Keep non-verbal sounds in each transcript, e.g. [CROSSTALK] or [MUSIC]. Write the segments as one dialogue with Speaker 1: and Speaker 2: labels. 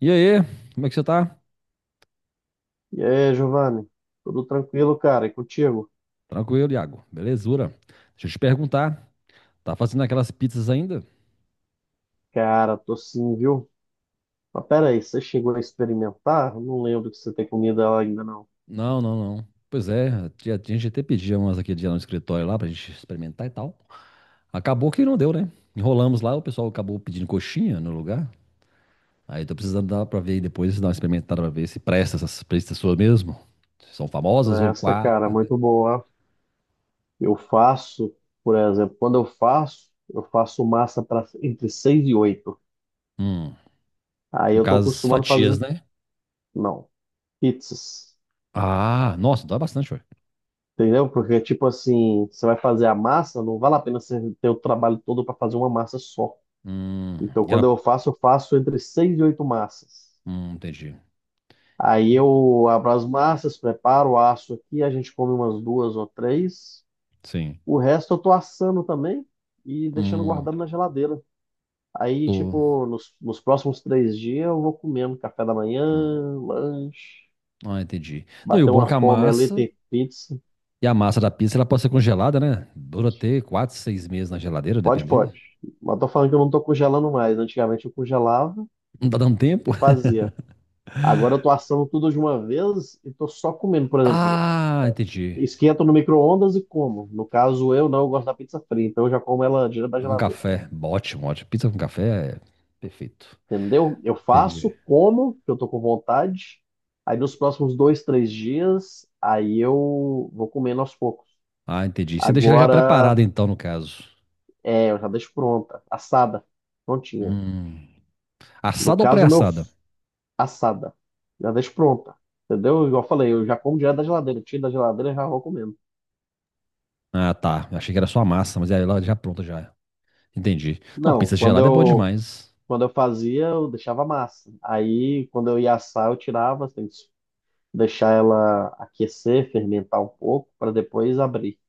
Speaker 1: E aí, como é que você tá?
Speaker 2: E aí, Giovanni? Tudo tranquilo, cara? E contigo?
Speaker 1: Tranquilo, Iago. Belezura. Deixa eu te perguntar, tá fazendo aquelas pizzas ainda?
Speaker 2: Cara, tô sim, viu? Mas pera aí, você chegou a experimentar? Eu não lembro que você tem comida lá ainda, não.
Speaker 1: Não, não, não. Pois é, a gente até pedia umas aquele dia no escritório lá pra gente experimentar e tal. Acabou que não deu, né? Enrolamos lá, o pessoal acabou pedindo coxinha no lugar. Aí tô precisando dar pra ver aí depois, dar uma experimentada pra ver se presta essas pizzas suas mesmo. Se são famosas ou
Speaker 2: Essa,
Speaker 1: quá.
Speaker 2: cara, é
Speaker 1: [LAUGHS]
Speaker 2: muito boa. Eu faço, por exemplo, quando eu faço massa para entre 6 e 8.
Speaker 1: Hum,
Speaker 2: Aí
Speaker 1: no
Speaker 2: eu tô
Speaker 1: caso, as
Speaker 2: acostumado a
Speaker 1: fatias,
Speaker 2: fazer,
Speaker 1: né?
Speaker 2: não, pizzas.
Speaker 1: Ah, nossa, dói bastante, ué.
Speaker 2: Entendeu? Porque, tipo assim, você vai fazer a massa, não vale a pena você ter o trabalho todo para fazer uma massa só.
Speaker 1: Hum,
Speaker 2: Então,
Speaker 1: e
Speaker 2: quando
Speaker 1: ela.
Speaker 2: eu faço entre 6 e 8 massas.
Speaker 1: Entendi.
Speaker 2: Aí
Speaker 1: E-
Speaker 2: eu abro as massas, preparo o aço aqui, a gente come umas duas ou três.
Speaker 1: Sim.
Speaker 2: O resto eu tô assando também e deixando
Speaker 1: Hum,
Speaker 2: guardado na geladeira. Aí,
Speaker 1: tô.
Speaker 2: tipo, nos próximos 3 dias eu vou comendo café da manhã,
Speaker 1: Hum.
Speaker 2: lanche,
Speaker 1: Ah, entendi. Não, e o
Speaker 2: bater
Speaker 1: bom é que
Speaker 2: uma fome ali, tem pizza.
Speaker 1: a massa da pizza, ela pode ser congelada, né? Dura até quatro, seis meses na geladeira,
Speaker 2: Pode,
Speaker 1: dependendo.
Speaker 2: pode. Mas tô falando que eu não tô congelando mais. Antigamente eu congelava
Speaker 1: Não tá dando tempo.
Speaker 2: e
Speaker 1: [LAUGHS]
Speaker 2: fazia. Agora eu tô assando tudo de uma vez e tô só comendo. Por exemplo,
Speaker 1: Ah, entendi.
Speaker 2: esquento no micro-ondas e como. No caso, eu não eu gosto da pizza fria, então eu já como ela direto da
Speaker 1: Então, com
Speaker 2: geladeira.
Speaker 1: café. Ótimo, ótimo. Pizza com café é perfeito.
Speaker 2: Entendeu? Eu faço,
Speaker 1: Entendi.
Speaker 2: como, que eu tô com vontade. Aí nos próximos 2, 3 dias, aí eu vou comendo aos poucos.
Speaker 1: Ah, entendi. Você deixa ela já
Speaker 2: Agora,
Speaker 1: preparada, então, no caso.
Speaker 2: eu já deixo pronta, assada, prontinha.
Speaker 1: Hum.
Speaker 2: No
Speaker 1: Assada ou
Speaker 2: caso,
Speaker 1: pré-assada?
Speaker 2: assada, já deixo pronta, entendeu? Igual eu falei, eu já como direto da geladeira, tiro da geladeira e já vou comendo.
Speaker 1: Ah, tá. Eu achei que era só a massa, mas aí ela já pronta já. Entendi. Não,
Speaker 2: Não,
Speaker 1: pizza
Speaker 2: quando
Speaker 1: gelada é boa
Speaker 2: eu,
Speaker 1: demais.
Speaker 2: quando eu fazia, eu deixava massa. Aí, quando eu ia assar, eu tirava, assim, deixar ela aquecer, fermentar um pouco, para depois abrir.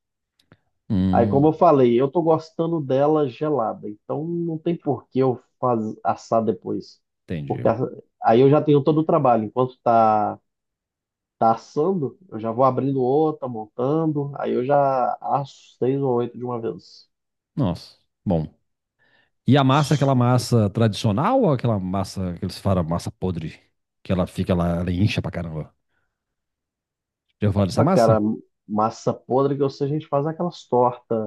Speaker 2: Aí, como eu
Speaker 1: Hum,
Speaker 2: falei, eu tô gostando dela gelada, então não tem por que eu assar depois. Porque
Speaker 1: entendi.
Speaker 2: a- Aí eu já tenho todo o trabalho. Enquanto tá assando, eu já vou abrindo outra, montando, aí eu já asso seis ou oito de uma vez.
Speaker 1: Nossa. Bom. E a massa é aquela massa tradicional ou aquela massa que eles falam, massa podre? Que ela fica lá, ela incha pra caramba. Já falar dessa
Speaker 2: Ah, cara,
Speaker 1: massa?
Speaker 2: massa podre que eu sei, a gente faz aquelas tortas,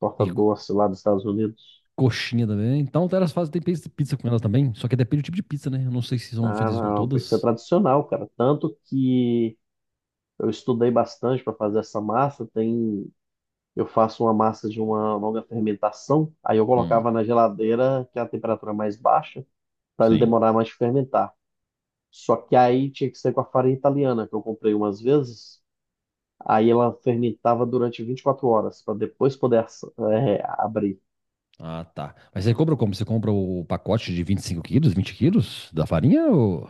Speaker 2: torta
Speaker 1: E
Speaker 2: doce lá dos Estados Unidos.
Speaker 1: coxinha também. Então, elas fazem, tem pizza com elas também. Só que depende do tipo de pizza, né? Eu não sei se são
Speaker 2: Ah,
Speaker 1: feitas com
Speaker 2: não, tem que ser
Speaker 1: todas.
Speaker 2: tradicional, cara. Tanto que eu estudei bastante para fazer essa massa. Tem, eu faço uma massa de uma longa fermentação, aí eu
Speaker 1: Hum,
Speaker 2: colocava na geladeira, que é a temperatura mais baixa, para ele
Speaker 1: sim.
Speaker 2: demorar mais de fermentar. Só que aí tinha que ser com a farinha italiana, que eu comprei umas vezes. Aí ela fermentava durante 24 horas, para depois poder abrir.
Speaker 1: Ah, tá. Mas você compra como? Você compra o pacote de 25 quilos, 20 quilos da farinha ou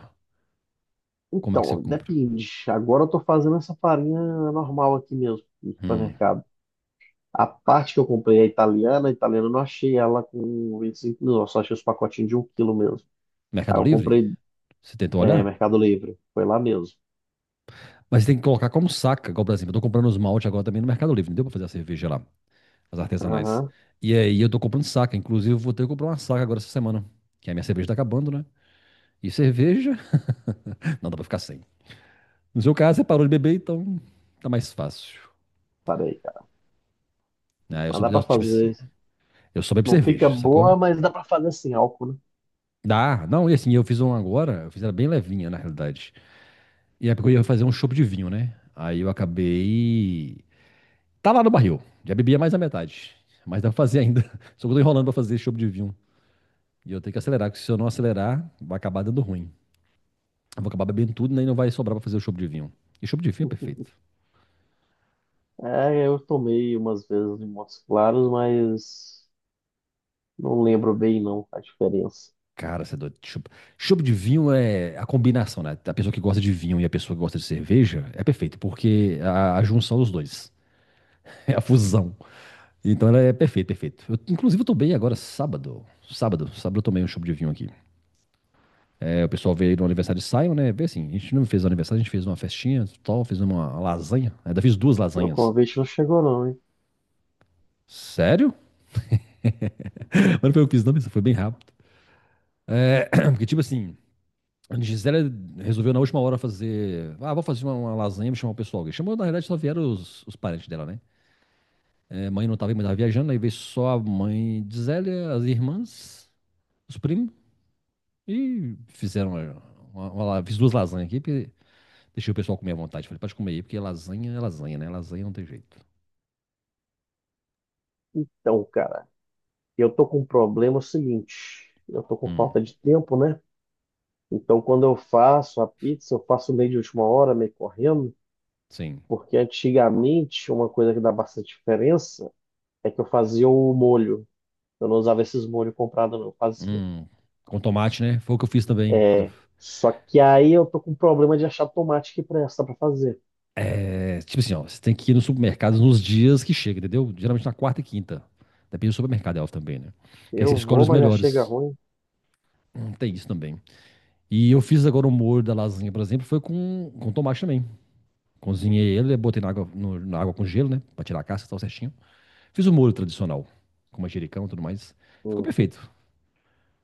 Speaker 1: como é que você
Speaker 2: Então,
Speaker 1: compra?
Speaker 2: depende. Agora eu estou fazendo essa farinha normal aqui mesmo, no
Speaker 1: Hum.
Speaker 2: supermercado. A parte que eu comprei é italiana, a italiana eu não achei ela com 25 mil, eu só achei os pacotinhos de um quilo mesmo. Aí
Speaker 1: Mercado
Speaker 2: eu
Speaker 1: Livre?
Speaker 2: comprei
Speaker 1: Você tentou olhar?
Speaker 2: Mercado Livre, foi lá mesmo.
Speaker 1: Mas você tem que colocar como saca, igual, por exemplo, eu tô comprando os malte agora também no Mercado Livre, não deu pra fazer a cerveja lá. As artesanais.
Speaker 2: Aham,
Speaker 1: E aí eu tô comprando saca. Inclusive, eu vou ter que comprar uma saca agora essa semana. Que a minha cerveja tá acabando, né? E cerveja. [LAUGHS] Não dá pra ficar sem. No seu caso, você parou de beber, então tá mais fácil.
Speaker 2: parei, cara.
Speaker 1: Ah, eu
Speaker 2: Mas
Speaker 1: sou
Speaker 2: dá
Speaker 1: eu,
Speaker 2: pra
Speaker 1: tipo assim.
Speaker 2: fazer.
Speaker 1: Eu só bebo
Speaker 2: Não fica
Speaker 1: cerveja, sacou?
Speaker 2: boa, mas dá pra fazer sem álcool, né?
Speaker 1: Dá. Não, e assim, eu fiz uma agora. Eu fiz ela bem levinha, na realidade. E é porque eu ia fazer um chopp de vinho, né? Aí eu acabei. Tá lá no barril. Já bebia mais da metade. Mas dá pra fazer ainda. [LAUGHS] Só que eu tô enrolando pra fazer chopp de vinho. E eu tenho que acelerar, porque se eu não acelerar, vai acabar dando ruim. Eu vou acabar bebendo tudo, né? E não vai sobrar pra fazer o chopp de vinho. E chopp de vinho é perfeito.
Speaker 2: É, eu tomei umas vezes em Montes Claros, mas não lembro bem não a diferença.
Speaker 1: Cara, você é doido. Chopp de vinho é a combinação, né? A pessoa que gosta de vinho e a pessoa que gosta de cerveja é perfeito, porque a junção dos dois. [LAUGHS] É a fusão. Então ela é perfeita, perfeito. Eu, inclusive, eu tomei agora sábado. Sábado eu tomei um chopp de vinho aqui. É, o pessoal veio no aniversário de Simon, né? Vê assim, a gente não fez um aniversário, a gente fez uma festinha tal, fez uma lasanha. Ainda fiz duas
Speaker 2: Meu
Speaker 1: lasanhas.
Speaker 2: convite não chegou não, hein?
Speaker 1: Sério? [LAUGHS] Mas não foi eu que fiz, não, mas foi bem rápido. [CLEARS THROAT] Porque, tipo assim, a Gisele resolveu na última hora fazer. Ah, vou fazer uma lasanha, vou chamar o pessoal. Chamou, na realidade, só vieram os parentes dela, né? É, mãe não tava, mãe tava viajando, aí veio só a mãe de Zélia, as irmãs, os primos, e fizeram uma fiz duas lasanhas aqui, porque deixei o pessoal comer à vontade. Falei, pode comer aí, porque lasanha é lasanha, né? Lasanha não tem jeito.
Speaker 2: Então, cara, eu tô com um problema seguinte. Eu tô com
Speaker 1: Hum,
Speaker 2: falta de tempo, né? Então, quando eu faço a pizza, eu faço meio de última hora, meio correndo,
Speaker 1: sim.
Speaker 2: porque antigamente uma coisa que dá bastante diferença é que eu fazia o molho. Eu não usava esses molhos comprados, não. Eu fazia.
Speaker 1: Hum, com tomate, né? Foi o que eu fiz também. Eu
Speaker 2: É, só que aí eu tô com um problema de achar tomate que presta para fazer.
Speaker 1: é, tipo assim, ó, você tem que ir no supermercado nos dias que chega, entendeu? Geralmente na quarta e quinta. Depende do supermercado, é óbvio também, né? Que aí você
Speaker 2: Eu
Speaker 1: escolhe
Speaker 2: vou,
Speaker 1: os
Speaker 2: mas já chega
Speaker 1: melhores.
Speaker 2: ruim.
Speaker 1: Tem isso também. E eu fiz agora o molho da lasanha, por exemplo, foi com, tomate também. Cozinhei ele, né, botei na água, na água com gelo, né? Pra tirar a casca e tal certinho. Fiz o molho tradicional, com manjericão e tudo mais. Ficou
Speaker 2: Uhum.
Speaker 1: perfeito.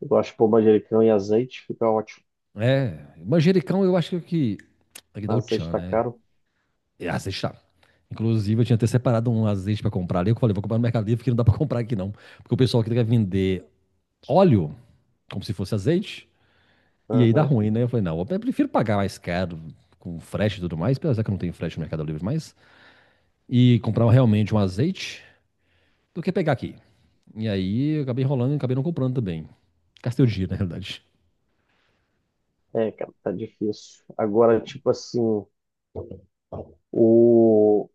Speaker 2: Eu gosto de pôr manjericão e azeite, fica ótimo.
Speaker 1: É, manjericão eu acho que é o que é que dá o
Speaker 2: Azeite
Speaker 1: tchan,
Speaker 2: tá
Speaker 1: né?
Speaker 2: caro.
Speaker 1: É azeite tá. Inclusive, eu tinha até separado um azeite pra comprar ali. Eu falei, vou comprar no Mercado Livre, porque não dá pra [LAUGHS] comprar aqui não. Porque o pessoal aqui quer vender óleo, como se fosse azeite, e aí dá
Speaker 2: Aham.
Speaker 1: ruim, né? Eu falei, não, eu prefiro pagar mais caro, com frete e tudo mais, apesar que eu não tenho frete no Mercado Livre mais, e comprar realmente um azeite, do que pegar aqui. E aí, eu acabei enrolando e acabei não comprando também. Gastei o dinheiro, na realidade.
Speaker 2: É, cara, tá difícil. Agora, tipo assim, o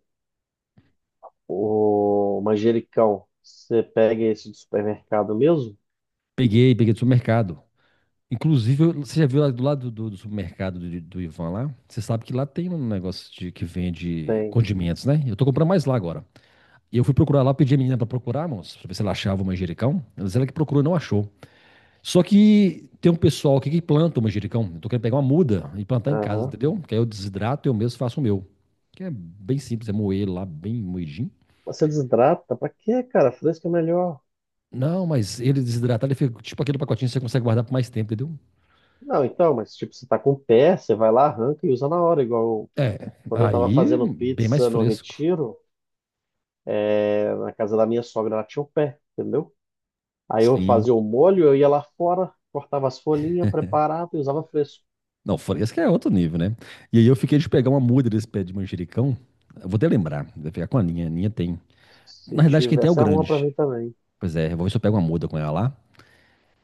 Speaker 2: O manjericão, você pega esse do supermercado mesmo?
Speaker 1: Peguei, peguei do supermercado. Inclusive, você já viu lá do lado do, do, supermercado do Ivan lá? Você sabe que lá tem um negócio de, que vende
Speaker 2: Tem.
Speaker 1: condimentos, né? Eu tô comprando mais lá agora. E eu fui procurar lá, pedi a menina pra procurar, moço, pra ver se ela achava o manjericão. Ela disse ela que procurou e não achou. Só que tem um pessoal aqui que planta o manjericão. Eu tô querendo pegar uma muda e plantar em casa,
Speaker 2: Aham.
Speaker 1: entendeu? Que aí eu desidrato e eu mesmo faço o meu. Que é bem simples, é moer ele lá, bem moidinho.
Speaker 2: Mas você desidrata? Pra quê, cara? Fresco é melhor.
Speaker 1: Não, mas ele desidratado, ele fica tipo aquele pacotinho que você consegue guardar por mais tempo, entendeu?
Speaker 2: Não, então, mas tipo, você tá com o pé, você vai lá, arranca e usa na hora. Igual
Speaker 1: É,
Speaker 2: quando eu tava
Speaker 1: aí
Speaker 2: fazendo
Speaker 1: bem mais
Speaker 2: pizza no
Speaker 1: fresco.
Speaker 2: Retiro, é, na casa da minha sogra, ela tinha o pé, entendeu? Aí eu
Speaker 1: Sim.
Speaker 2: fazia o molho, eu ia lá fora, cortava as folhinhas, preparava e usava fresco.
Speaker 1: Não, fresca é outro nível, né? E aí eu fiquei de pegar uma muda desse pé de manjericão. Eu vou até lembrar, vou pegar com a Ninha. A Ninha tem.
Speaker 2: Se
Speaker 1: Na realidade, quem tem é o
Speaker 2: tivesse, arruma pra
Speaker 1: grande.
Speaker 2: mim também.
Speaker 1: Pois é, eu vou ver se eu pego uma muda com ela lá.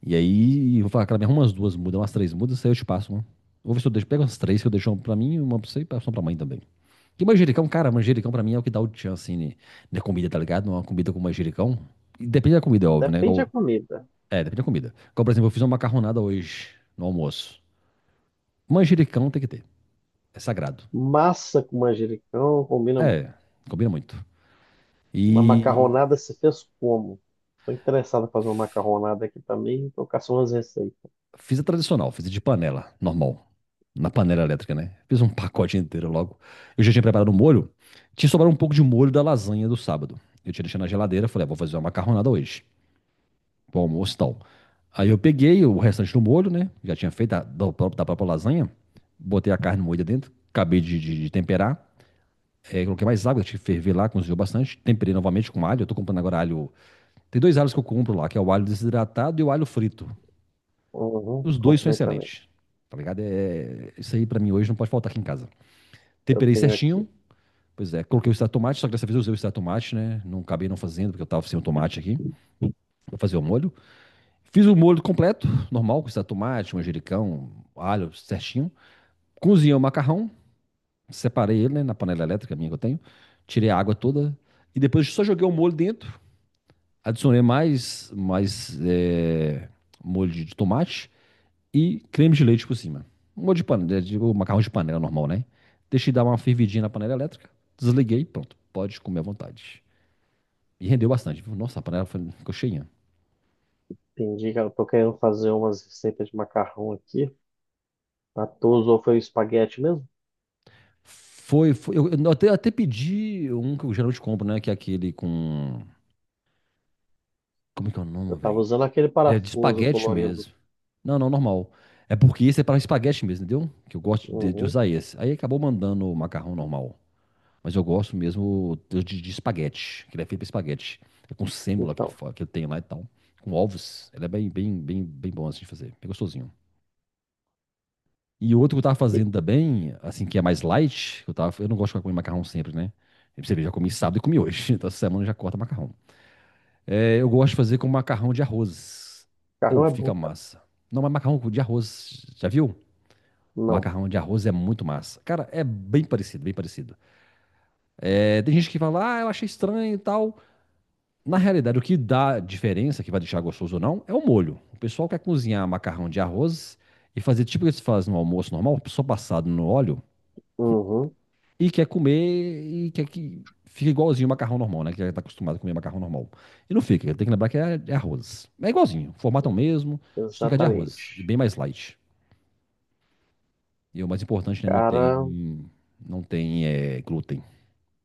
Speaker 1: E aí eu vou falar, cara, me arruma umas duas mudas, umas três mudas, aí eu te passo uma. Vou ver se eu deixo, pego umas três que eu deixo uma pra mim, uma pra você e passo uma pra mãe também. Que manjericão, cara, manjericão pra mim é o que dá o tchan, assim, né, na comida, tá ligado? Uma comida com manjericão. E depende da comida, é óbvio, né?
Speaker 2: Depende
Speaker 1: Igual,
Speaker 2: da comida.
Speaker 1: é, depende da comida. Igual, por exemplo, eu fiz uma macarronada hoje, no almoço. Manjericão tem que ter. É sagrado.
Speaker 2: Massa com manjericão combina.
Speaker 1: É, combina muito.
Speaker 2: Uma
Speaker 1: E
Speaker 2: macarronada se fez como? Estou interessado em fazer uma macarronada aqui também. Estou caçando umas receitas.
Speaker 1: fiz a tradicional, fiz a de panela, normal. Na panela elétrica, né? Fiz um pacote inteiro logo. Eu já tinha preparado o molho. Tinha sobrado um pouco de molho da lasanha do sábado. Eu tinha deixado na geladeira, falei, ah, vou fazer uma macarronada hoje, pro almoço e tal. Aí eu peguei o restante do molho, né? Já tinha feito da própria lasanha. Botei a carne moída dentro, acabei de temperar. É, coloquei mais água, tive que ferver lá, cozinhou bastante. Temperei novamente com alho. Eu tô comprando agora alho. Tem dois alhos que eu compro lá, que é o alho desidratado e o alho frito.
Speaker 2: Uhum,
Speaker 1: Os dois são
Speaker 2: comprei também.
Speaker 1: excelentes. Tá ligado? Isso aí pra mim hoje não pode faltar aqui em casa.
Speaker 2: Eu
Speaker 1: Temperei
Speaker 2: tenho
Speaker 1: certinho.
Speaker 2: aqui.
Speaker 1: Pois é, coloquei o extrato de tomate, só que dessa vez eu usei o extrato de tomate, né? Não acabei não fazendo, porque eu tava sem o tomate aqui. Vou fazer o molho. Fiz o molho completo, normal, com extrato de tomate, manjericão, alho, certinho. Cozinhei o macarrão, separei ele, né, na panela elétrica minha que eu tenho. Tirei a água toda. E depois só joguei o molho dentro. Adicionei mais molho de tomate e creme de leite por cima. Um molho de panela, digo, macarrão de panela normal, né? Deixei dar uma fervidinha na panela elétrica, desliguei, pronto, pode comer à vontade. E rendeu bastante, viu? Nossa, a panela ficou cheinha.
Speaker 2: Entendi, cara. Estou querendo fazer umas receitas de macarrão aqui. A tua usou foi o espaguete mesmo?
Speaker 1: Foi eu, até pedi um que eu geralmente compro, né? Que é aquele com. Como é que é o
Speaker 2: Eu
Speaker 1: nome,
Speaker 2: estava
Speaker 1: velho?
Speaker 2: usando aquele
Speaker 1: Ele é de
Speaker 2: parafuso
Speaker 1: espaguete
Speaker 2: colorido.
Speaker 1: mesmo. Não, não, normal. É porque esse é para espaguete mesmo, entendeu? Que eu gosto de
Speaker 2: Uhum.
Speaker 1: usar esse. Aí acabou mandando o macarrão normal. Mas eu gosto mesmo de espaguete, que ele é feito pra espaguete. É com sêmola que ele,
Speaker 2: Então,
Speaker 1: que ele tem lá e tal. Com ovos. Ele é bem, bem, bem, bem bom assim de fazer. É gostosinho. E outro que eu tava
Speaker 2: que-
Speaker 1: fazendo também, assim, que é mais light, eu não gosto de comer macarrão sempre, né? E pra você vê, já comi sábado e comi hoje. [LAUGHS] Então essa semana eu já corta macarrão. É, eu gosto de fazer com macarrão de arroz. Ou
Speaker 2: macarrão é bom,
Speaker 1: fica
Speaker 2: cara.
Speaker 1: massa. Não, mas macarrão de arroz, já viu?
Speaker 2: Não.
Speaker 1: Macarrão de arroz é muito massa. Cara, é bem parecido, bem parecido. É, tem gente que fala, ah, eu achei estranho e tal. Na realidade, o que dá diferença, que vai deixar gostoso ou não, é o molho. O pessoal quer cozinhar macarrão de arroz e fazer tipo o que se faz no almoço normal, só passado no óleo,
Speaker 2: Uhum.
Speaker 1: e quer comer e quer que fique igualzinho o macarrão normal, né? Que já está acostumado a comer macarrão normal. E não fica, tem que lembrar que é arroz. É igualzinho, o formato é o mesmo, só que é de arroz, e
Speaker 2: Exatamente.
Speaker 1: bem mais light. E o mais importante, né? Não
Speaker 2: Cara,
Speaker 1: tem, não tem glúten,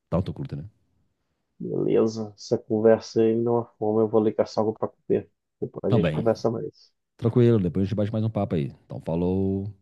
Speaker 1: tanto glúten, né?
Speaker 2: beleza. Essa conversa aí me deu uma fome. Eu vou ali caçar algo para comer. Depois a gente
Speaker 1: Também.
Speaker 2: conversa mais.
Speaker 1: Tranquilo, depois a gente bate mais um papo aí. Então, falou.